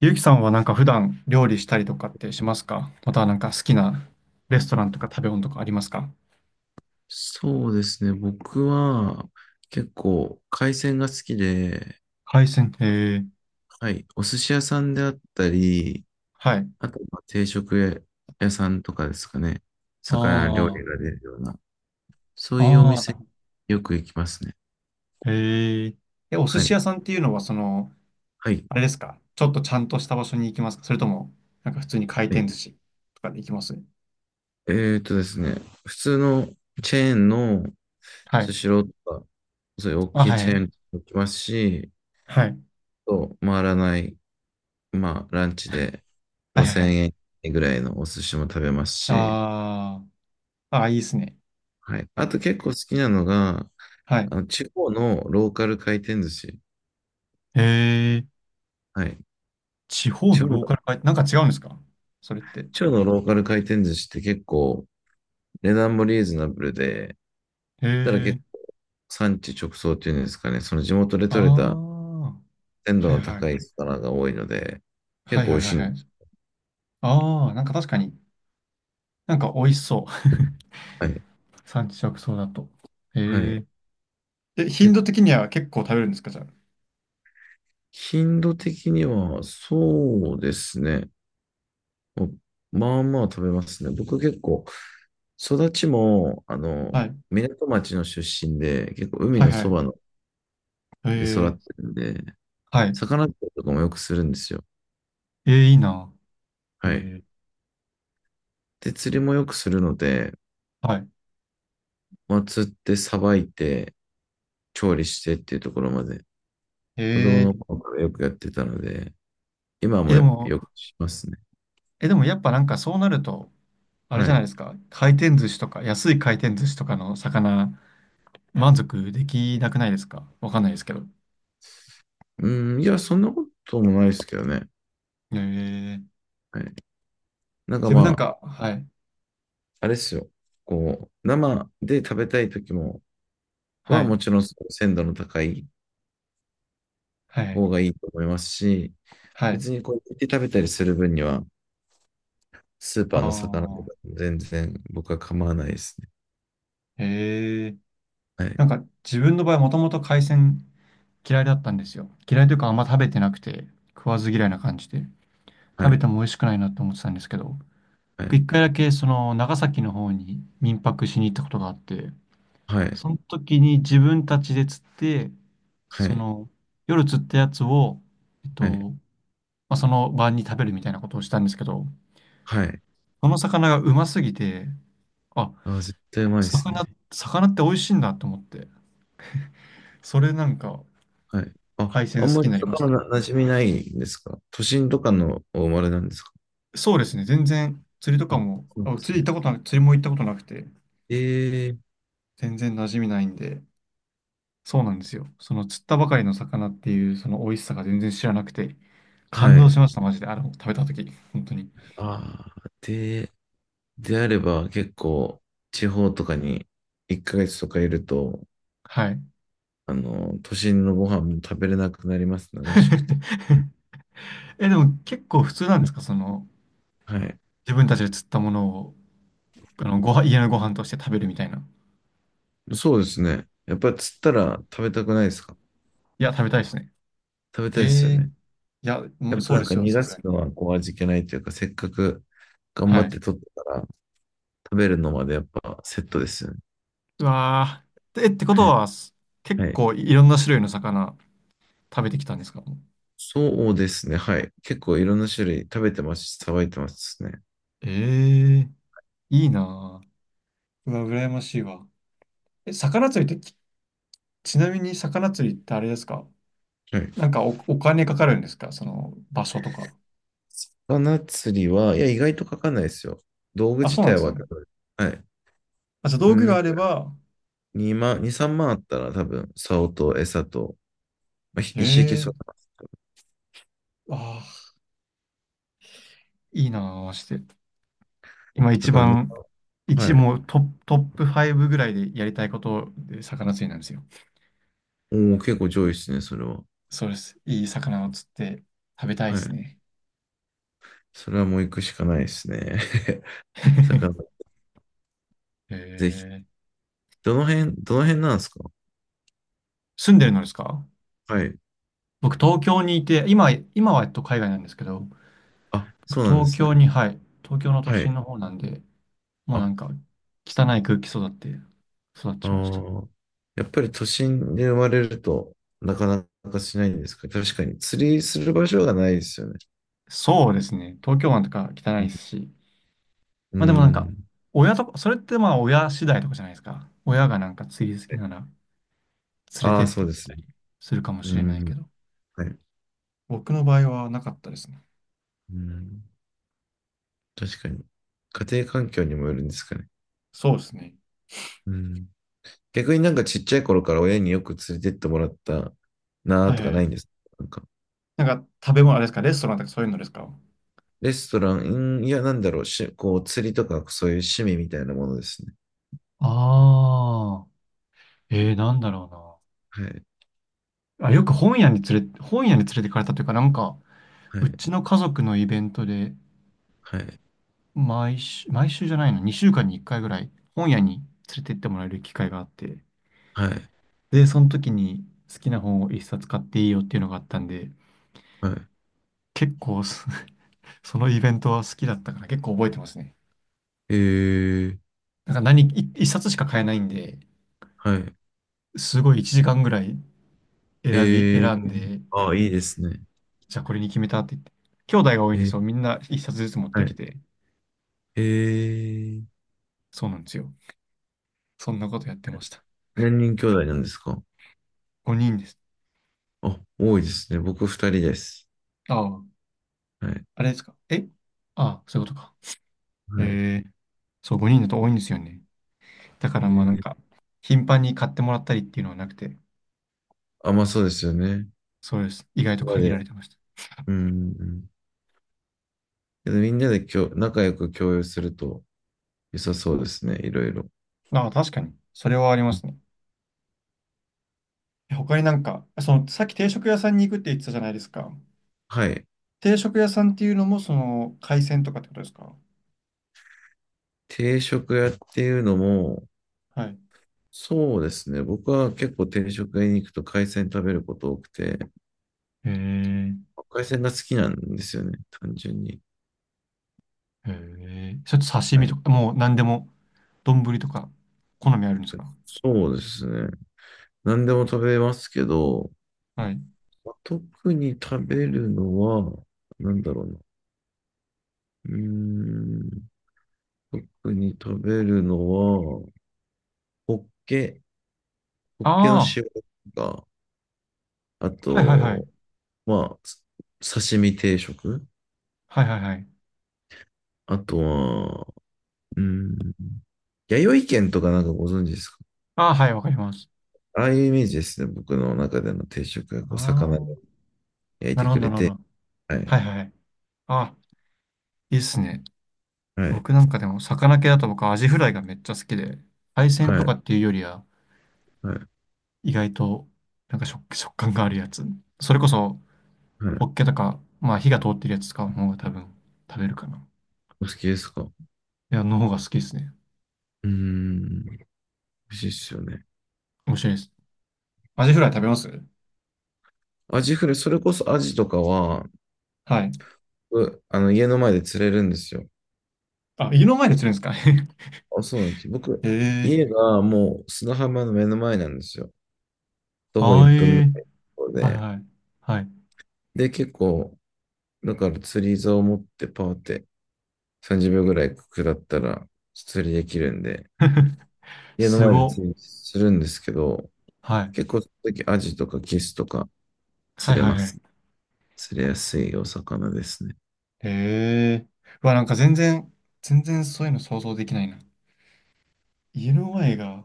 ゆうきさんは普段料理したりとかってしますか？またはなんか好きなレストランとか食べ物とかありますか？そうですね。僕は結構海鮮が好きで、海鮮。へえ。はい。お寿司屋さんであったり、はい。あとまあ定食屋さんとかですかね。魚料理あが出るような、そういうおあ、ああ、なる店ほよく行きますね。ど。へえ。え、お寿は司屋い。さんっていうのはその、はい。あれですか？ちょっとちゃんとした場所に行きますか？それとも、なんか普通に回はい。転寿司とかで行きます？ですね。普通のチェーンのはスい。シローとか、そういう大あ、きいはい。チェーンも行きますし、はい。と回らない、まあランチではいはいは5000い。円ぐらいのお寿司も食べますし、ああ、ああ、いいですね。はい。あと結構好きなのが、はい。あの、地方のローカル回転寿司。へえ。はい。地方地の方の、ローカル回転、なんか違うんですか、それって？地方のローカル回転寿司って結構値段もリーズナブルで、へただえ。結構産地直送っていうんですかね、その地元であ採れたあ、鮮度はいのは高い。い魚が多いので、結はい構は美い味はしいいはんでい。す。ああ、なんか確かに、なんか美味しそう。はい。産地直送だと。はへい。え。え、頻結度構、的には結構食べるんですか、じゃ頻度的にはそうですね。おまあまあ食べますね。僕結構、育ちも、あの、あ？はい。港町の出身で、結構海はいのはそばい。のへで育ってえ。るんで、はい。魚釣りとかもよくするんですよ。えー、いいな。へはい。えで、釣りもよくするので、ー。はい。まあ、釣ってさばいて、調理してっていうところまで、へ子え供のー。頃からよくやってたので、今え、もでも、よくしますね。え、でもやっぱなんかそうなると、あれはじゃないでい。すか。回転寿司とか、安い回転寿司とかの魚、満足できなくないですか？わかんないですけど。うん、いや、そんなこともないですけどね。へえー。はい。なんか自ま分なんあ、か、はい。あれですよ。こう、生で食べたい時も、ははもい。ちろん鮮度の高いはい。方がいいと思いますし、はい。別にこう、煮て食べたりする分には、スーあパーの魚とあ。か全然僕は構わないですね。へえ。はい、なんか自分の場合もともと海鮮嫌いだったんですよ。嫌いというかあんま食べてなくて食わず嫌いな感じでは食べい、ても美味しくないなって思ってたんですけど、はい、一回だけその長崎の方に民泊しに行ったことがあって、はい、その時に自分たちで釣って、はそい、の夜釣ったやつを、えっはい、と、まあ、その晩に食べるみたいなことをしたんですけど、はい。その魚がうますぎて、あ、あー、絶対うまいです魚、ね。魚って美味しいんだと思って、それなんかはい。あ、海あん鮮好まきにりなりまし魚たね。な馴染みないんですか？都心とかのお生まれなんですか？そうですね。全然釣りとかあ、も、そうであ、釣すり行っね。たことなく、釣りも行ったことなくて、ええ、全然馴染みないんで、そうなんですよ。その釣ったばかりの魚っていうその美味しさが全然知らなくて、感は動しい。ました、マジで。あの、食べたとき、本当に。ああ、で、であれば結構地方とかに1ヶ月とかいると、はい。あの、都心のご飯も食べれなくなりますね。美味しくて。え、でも結構普通なんですか、その、はい。自分たちで釣ったものを、あの、ご飯、家のご飯として食べるみたいな。そうですね。やっぱり釣ったら食べたくないですか？いや、食べたいですね。食べたいですよええ、ね。いや、うやんっぱそうなんでかすよ、逃さがすがすに。のはこう味気ないというか、せっかく頑張はっい。て取ったから食べるのまでやっぱセットですよね。うわー。え、ってことはい。は、す結はい。構いろんな種類の魚、食べてきたんですか？そうですね。はい。結構いろんな種類食べてますし、さばいてますね。ええいいなぁ。うわ、羨ましいわ。え、魚釣りって、ち、ちなみに魚釣りってあれですか、はい。なんかお、お金かかるんですか、その場所とか。魚釣りは、いや、意外とかかんないですよ。道具あ、自そうなん体ですは、ね。はい。あ、じゃあう道具ん、があれば、2万、2、3万あったら多分、竿と餌と、まあ、へ一式え、そうだああいいなぁ、マ今な一だからに番、まん一、はい。もうトップ、トップ5ぐらいでやりたいことで魚釣りなんですよ。おお、結構上位ですね、それは。そうです。いい魚を釣って食べたいではすい。ね。それはもう行くしかないですね。魚、へぜひ。え、どの辺、どの辺なんですか？住んでるのですか？はい。僕、東京にいて、今、今は、海外なんですけど、あ、僕、そうなんで東すね。京に、はい、東京の都は心い。の方なんで、もうあ、なでんか、汚すね。い空気育って、育あちました。あ。やっぱり都心で生まれると、なかなかしないんですか？確かに。釣りする場所がないですよね。そうですね。東京湾とか汚いですし、うまあでもなんか、ん。親とか、それってまあ親次第とかじゃないですか。親がなんか釣り好きなら連れあてあっー、そてうでくれすたね。りするかもうしれないけん。ど、はい。僕の場合はなかったですね。うん。確かに。家庭環境にもよるんですかね。そうですね。うん。逆になんかちっちゃい頃から親によく連れてってもらったなーはいとかはないい。んですか？なんかなんか、食べ物あれですか、レストランとかそういうのですか？レストラン、うん、いや、なんだろう、こう、釣りとか、そういう趣味みたいなものですね。ああ、えー、なんだろうな。はい、あ、よく本屋に連れ、本屋に連れてかれたというか、なんか、はうい、ちの家族のイベントで、はい、毎週、毎週じゃないの、2週間に1回ぐらい、本屋に連れて行ってもらえる機会があって、はい、で、その時に好きな本を1冊買っていいよっていうのがあったんで、は結構そ、そのイベントは好きだったから結構覚えてますね。い。えー、なんか何、1冊しか買えないんで、はい、すごい1時間ぐらいえー、選んで、あ、いいですね。じゃあこれに決めたって言って、兄弟が多いえんで、ー、そう、みんな1冊ずつ持っはてきい、て、えー、そうなんですよ。そんなことやってました。何人兄弟なんですか？5人です。あ、多いですね。僕二人です。ああ、はい、あれですか。え、ああ、そういうことか。はい。えー、そう、5人だと多いんですよね。だかえらまあなんー、か、頻繁に買ってもらったりっていうのはなくて、あ、まあそうですよね。そうです。意外とみんな限らで、れてました。うん、うん。けどみんなで仲良く共有すると良さそうですね、いろいろ。ああ、確かに。それはありますね。え他になんか、その、さっき定食屋さんに行くって言ってたじゃないですか。はい。定食屋さんっていうのも、その、海鮮とかってことですか？定食屋っていうのも、はい。そうですね。僕は結構定食屋に行くと海鮮食べること多くて、へえ、海鮮が好きなんですよね、単純に。へえ。ちょっと刺は身い。とか、もう何でも、丼とか、好みあるんですか？そうですね。何でも食べますけど、はい。まあ特に食べるのは、なんだろうな。うーん、特に食べるのは、ホッケ、ホッケのああ、塩とか、あはいはいはい。と、まあ、刺身定食、はいはいはい。あとは、うーん、弥生県とかなんかご存知ですか？ああ、はい、わかります。ああいうイメージですね。僕の中での定食がこうあ魚あ、で焼いなてるほくど、なれるほて。ど。はい。はいはい。あ、いいっすね。はい。僕なんかでも、魚系だと僕、アジフライがめっちゃ好きで、海鮮はとい。かっていうよりは、はい。意外と、なんか食感があるやつ。それこそ、はホッい。ケとか、まあ、火が通ってるやつ使う方が多分、食べるかな。いお好きですか？うや、の方が好きですね。ーん。美味しいっすよね。面白いです。アジフライ食べます？アジフライ、それこそアジとかは、はい。あの、家の前で釣れるんですよ。あ、家の前で釣れるんですか？ あ、そうなんです。僕、へ家え。がもう砂浜の目の前なんですよ。徒歩あ1ー分えぐらいのーところで。で、結構、だから釣り竿を持ってパーって30秒ぐらい下ったら釣りできるんで、家の前で釣りするんですけど、結構、その時アジとかキスとか釣はいれはまいはい。すごはいはいはいはす。い釣れやすいお魚ですね。へえ。うわ、なんか全然、全然そういうの想像できないな。家の前が、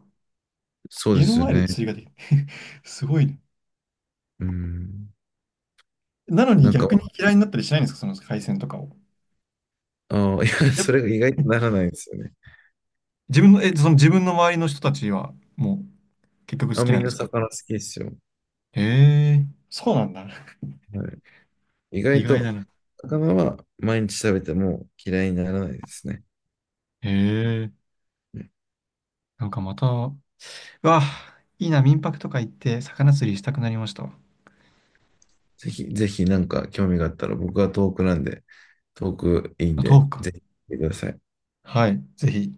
そうで家のすよ前でね。釣りができる。すごいね。うん。なのになんか、逆に嫌いになったりしないんですか、その海鮮とかを。ああ、いや、やっそれぱ、が意外とならないですよね。自分の、え、その自分の周りの人たちは、もう、結局あ、好きみなんんでなすか？魚好きですよ。へえ。そうなんだ。はい。意意外外だと、な。魚は毎日食べても嫌いにならないですね。へえ。うん。なんかまた、うわ、いいな、民泊とか行って、魚釣りしたくなりましたわ。ぜひ、ぜひなんか興味があったら、僕は遠くなんで、遠くいいんあ、で、豆腐か。ぜひ来てください。はい、ぜひ。